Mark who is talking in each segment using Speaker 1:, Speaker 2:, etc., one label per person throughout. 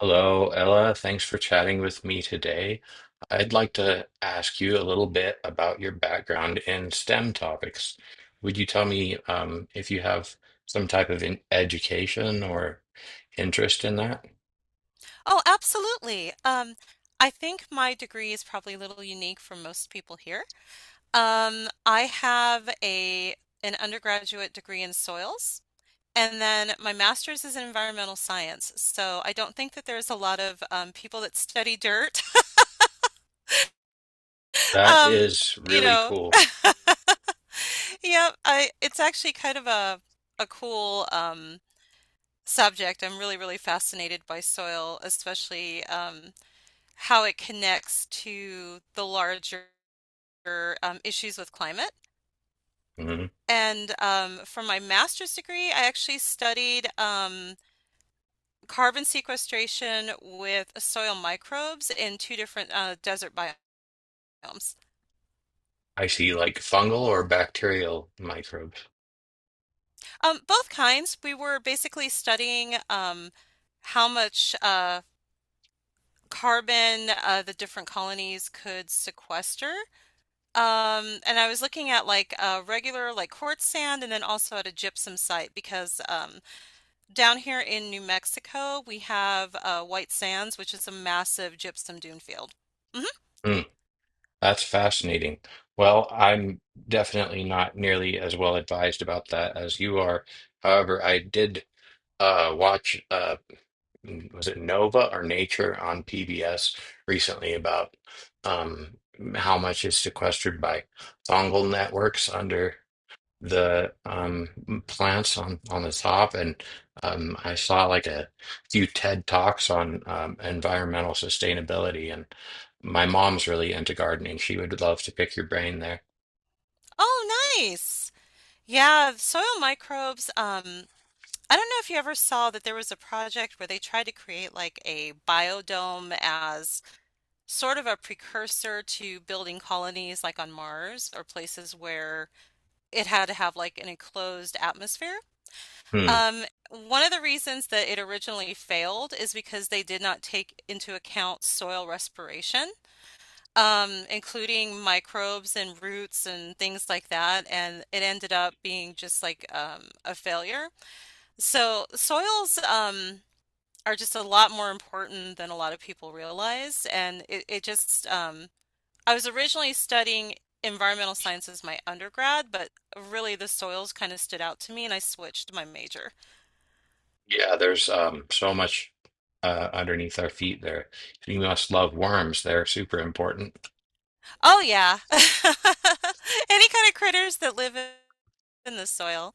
Speaker 1: Hello, Ella. Thanks for chatting with me today. I'd like to ask you a little bit about your background in STEM topics. Would you tell me if you have some type of in education or interest in that?
Speaker 2: Oh, absolutely. I think my degree is probably a little unique for most people here. I have a an undergraduate degree in soils, and then my master's is in environmental science. So I don't think that there's a lot of people that study dirt.
Speaker 1: That
Speaker 2: Um,
Speaker 1: is
Speaker 2: you
Speaker 1: really
Speaker 2: know,
Speaker 1: cool.
Speaker 2: yeah, I it's actually kind of a cool subject. I'm really, really fascinated by soil, especially, how it connects to the larger issues with climate.
Speaker 1: Hmm.
Speaker 2: And for my master's degree, I actually studied carbon sequestration with soil microbes in two different desert biomes.
Speaker 1: I see, like fungal or bacterial microbes.
Speaker 2: Both kinds, we were basically studying how much carbon the different colonies could sequester. And I was looking at like a regular like quartz sand and then also at a gypsum site because down here in New Mexico, we have White Sands, which is a massive gypsum dune field. Hmm.
Speaker 1: Mm, that's fascinating. Well, I'm definitely not nearly as well advised about that as you are. However, I did watch. A Was it Nova or Nature on PBS recently about um, how much is sequestered by fungal networks under the plants on the top. And I saw like a few TED Talks on environmental sustainability. And my mom's really into gardening. She would love to pick your brain there.
Speaker 2: Oh, nice. Yeah, soil microbes. I don't know if you ever saw that there was a project where they tried to create like a biodome as sort of a precursor to building colonies like on Mars or places where it had to have like an enclosed atmosphere.
Speaker 1: Hmm.
Speaker 2: Um, one of the reasons that it originally failed is because they did not take into account soil respiration, including microbes and roots and things like that, and it ended up being just like a failure. So soils are just a lot more important than a lot of people realize, and it just I was originally studying environmental science as my undergrad, but really the soils kind of stood out to me, and I switched my major.
Speaker 1: Yeah, there's so much underneath our feet there. You must love worms. They're super important.
Speaker 2: Oh yeah. Any kind of critters that live in the soil.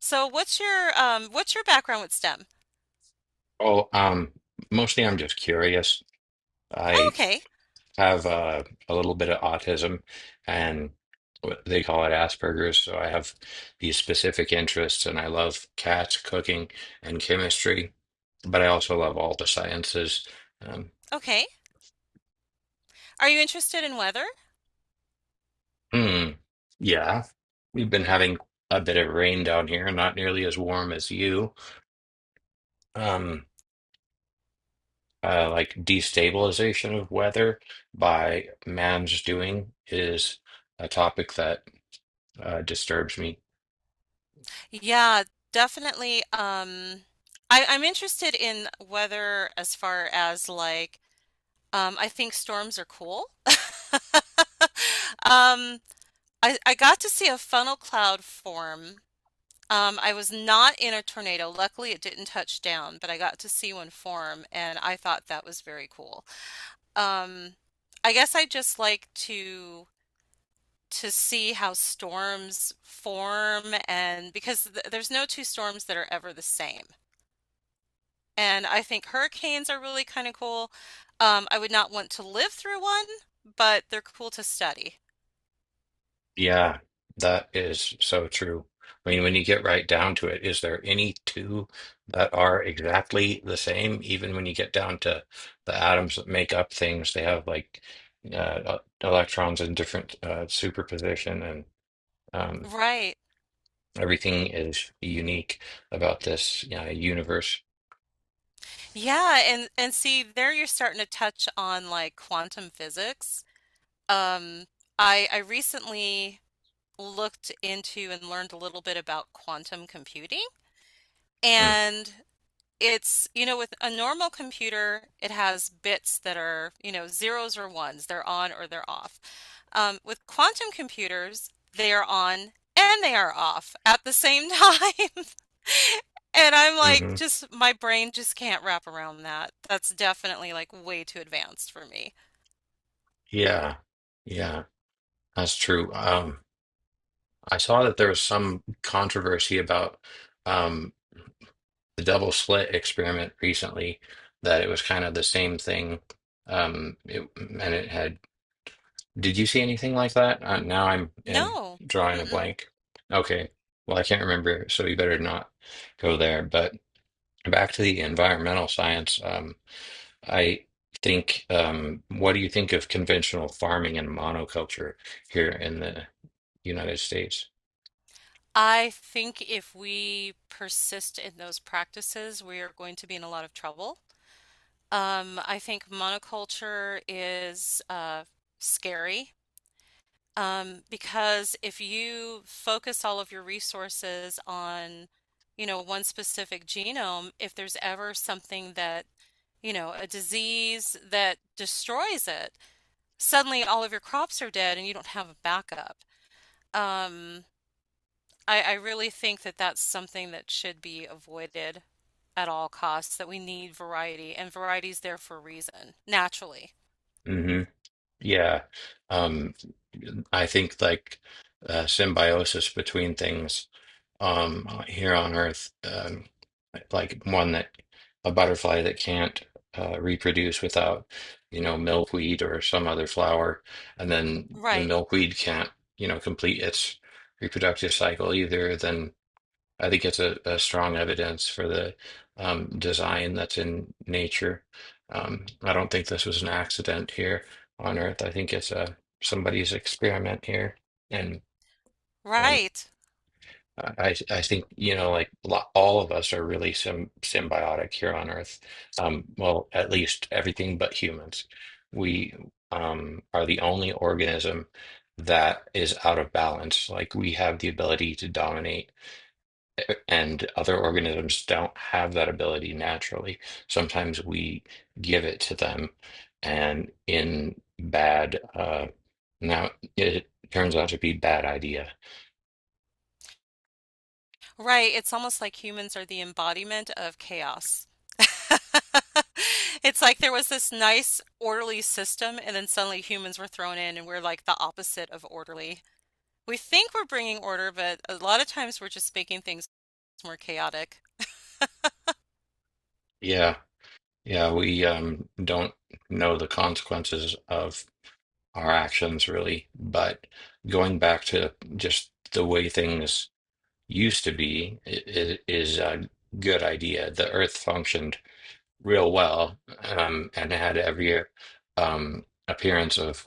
Speaker 2: So what's your background with STEM?
Speaker 1: Oh, mostly I'm just curious.
Speaker 2: Oh,
Speaker 1: I
Speaker 2: okay.
Speaker 1: have a little bit of autism and what they call it Asperger's. So I have these specific interests, and I love cats, cooking, and chemistry, but I also love all the sciences. Um,
Speaker 2: Okay. Are you interested in weather?
Speaker 1: hmm, yeah, we've been having a bit of rain down here, not nearly as warm as you. Um, like destabilization of weather by man's doing is a topic that disturbs me.
Speaker 2: Yeah, definitely. I'm interested in weather as far as like I think storms are cool. Um I got to see a funnel cloud form. I was not in a tornado. Luckily, it didn't touch down, but I got to see one form, and I thought that was very cool. Um, I guess I just like to see how storms form, and because th there's no two storms that are ever the same. And I think hurricanes are really kind of cool. I would not want to live through one, but they're cool to study.
Speaker 1: Yeah, that is so true. I mean, when you get right down to it, is there any two that are exactly the same? Even when you get down to the atoms that make up things, they have like electrons in different superposition, and um,
Speaker 2: Right.
Speaker 1: everything is unique about this universe.
Speaker 2: Yeah, and see there you're starting to touch on like quantum physics. Um, I recently looked into and learned a little bit about quantum computing.
Speaker 1: Mm.
Speaker 2: And it's, you know, with a normal computer, it has bits that are, you know, zeros or ones. They're on or they're off. With quantum computers, they are on and they are off at the same time. And I'm like,
Speaker 1: Mm-hmm.
Speaker 2: just my brain just can't wrap around that. That's definitely like way too advanced for me.
Speaker 1: Yeah, yeah, that's true. I saw that there was some controversy about. Um, the double slit experiment recently, that it was kind of the same thing. It, and it had, did you see anything like that? Now I'm
Speaker 2: No.
Speaker 1: drawing a
Speaker 2: Mm-mm.
Speaker 1: blank. Okay. Well, I can't remember, so you better not go there. But back to the environmental science, I think, what do you think of conventional farming and monoculture here in the United States?
Speaker 2: I think if we persist in those practices, we are going to be in a lot of trouble. I think monoculture is scary because if you focus all of your resources on, you know, one specific genome, if there's ever something that, you know, a disease that destroys it, suddenly all of your crops are dead and you don't have a backup. Um, I really think that that's something that should be avoided at all costs, that we need variety, and variety's there for a reason, naturally.
Speaker 1: Mm-hmm. Yeah. Um, I think like symbiosis between things, here on Earth, like one that a butterfly that can't reproduce without, you know, milkweed or some other flower, and then the
Speaker 2: Right,
Speaker 1: milkweed can't, you know, complete its reproductive cycle either. Then I think it's a strong evidence for the design that's in nature. I don't think this was an accident here on Earth. I think it's a somebody's experiment here, and um,
Speaker 2: right,
Speaker 1: I think, you know, like all of us are really sim symbiotic here on Earth. Well, at least everything but humans. We are the only organism that is out of balance. Like, we have the ability to dominate, and other organisms don't have that ability naturally. Sometimes we give it to them, and in now it turns out to be bad idea.
Speaker 2: right. It's almost like humans are the embodiment of chaos. It's like there was this nice, orderly system, and then suddenly humans were thrown in, and we're like the opposite of orderly. We think we're bringing order, but a lot of times we're just making things more chaotic.
Speaker 1: Yeah, yeah, we don't know the consequences of our actions really, but going back to just the way things used to be is a good idea. The Earth functioned real well and had every appearance of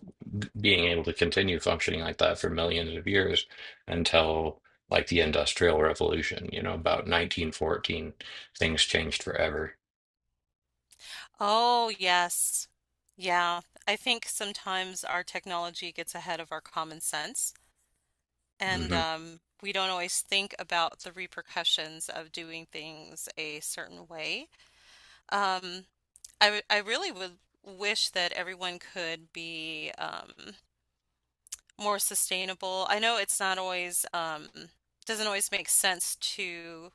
Speaker 1: being able to continue functioning like that for millions of years until like the Industrial Revolution, you know, about 1914, things changed forever.
Speaker 2: Oh, yes. Yeah. I think sometimes our technology gets ahead of our common sense, and
Speaker 1: Hmm.
Speaker 2: we don't always think about the repercussions of doing things a certain way. Um, I really would wish that everyone could be more sustainable. I know it's not always, doesn't always make sense to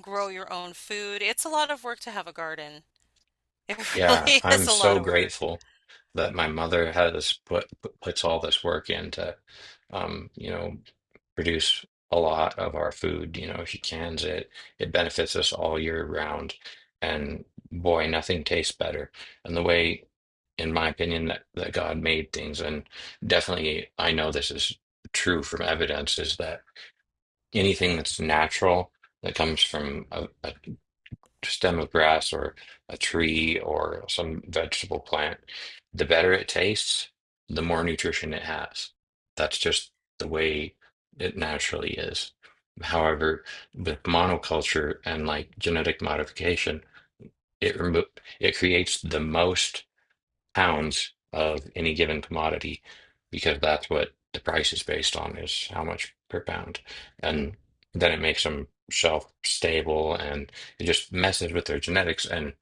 Speaker 2: grow your own food. It's a lot of work to have a garden. It
Speaker 1: Yeah,
Speaker 2: really is
Speaker 1: I'm
Speaker 2: a lot
Speaker 1: so
Speaker 2: of work.
Speaker 1: grateful that my mother has puts all this work into, you know, produce a lot of our food. You know, if you cans it, it benefits us all year round. And boy, nothing tastes better. And the way, in my opinion, that, that God made things, and definitely I know this is true from evidence, is that anything that's natural that comes from a stem of grass or a tree or some vegetable plant, the better it tastes, the more nutrition it has. That's just the way it naturally is. However, with monoculture and like genetic modification, it remo- it creates the most pounds of any given commodity, because that's what the price is based on, is how much per pound, and then it makes them shelf stable, and it just messes with their genetics, and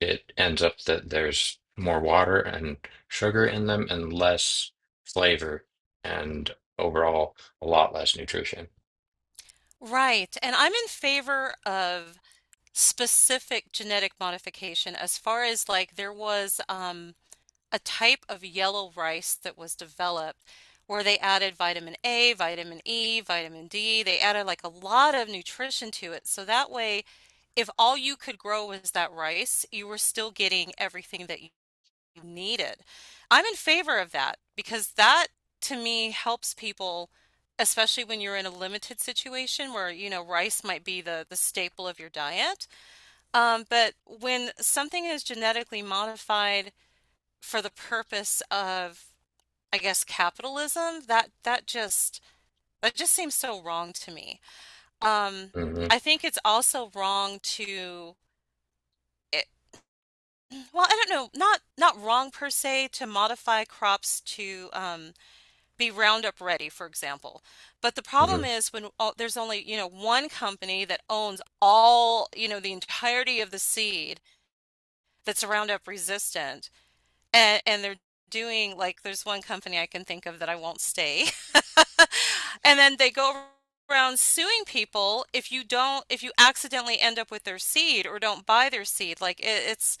Speaker 1: it ends up that there's more water and sugar in them and less flavor and overall a lot less nutrition.
Speaker 2: Right. And I'm in favor of specific genetic modification as far as like there was a type of yellow rice that was developed where they added vitamin A, vitamin E, vitamin D. They added like a lot of nutrition to it. So that way, if all you could grow was that rice, you were still getting everything that you needed. I'm in favor of that because that to me helps people, especially when you're in a limited situation where, you know, rice might be the staple of your diet. But when something is genetically modified for the purpose of, I guess, capitalism, that just that just seems so wrong to me. Um,
Speaker 1: Hmm.
Speaker 2: I think it's also wrong to it, well, I don't know, not wrong per se to modify crops to be Roundup ready, for example. But the problem
Speaker 1: Hmm.
Speaker 2: is when there's only, you know, one company that owns all, you know, the entirety of the seed that's Roundup resistant, and they're doing like there's one company I can think of that I won't stay. And then they go around suing people if you don't, if you accidentally end up with their seed or don't buy their seed. Like it's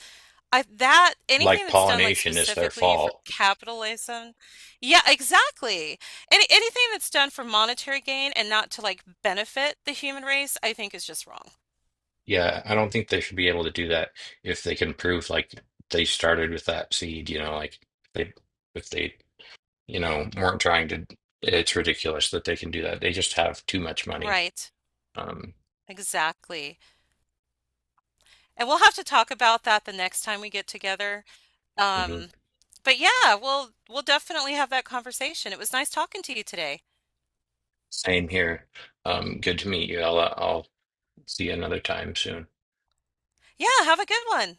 Speaker 2: I that
Speaker 1: Like
Speaker 2: anything that's done like
Speaker 1: pollination is their
Speaker 2: specifically for
Speaker 1: fault.
Speaker 2: capitalism, yeah, exactly. Anything that's done for monetary gain and not to like benefit the human race, I think is just wrong.
Speaker 1: Yeah, I don't think they should be able to do that if they can prove like they started with that seed, you know, like they, if they, you know, weren't trying to, it's ridiculous that they can do that. They just have too much money.
Speaker 2: Right.
Speaker 1: Um,
Speaker 2: Exactly. And we'll have to talk about that the next time we get together.
Speaker 1: mhm.
Speaker 2: Um, but yeah, we'll definitely have that conversation. It was nice talking to you today.
Speaker 1: Same here. Good to meet you, Ella. I'll see you another time soon.
Speaker 2: Yeah, have a good one.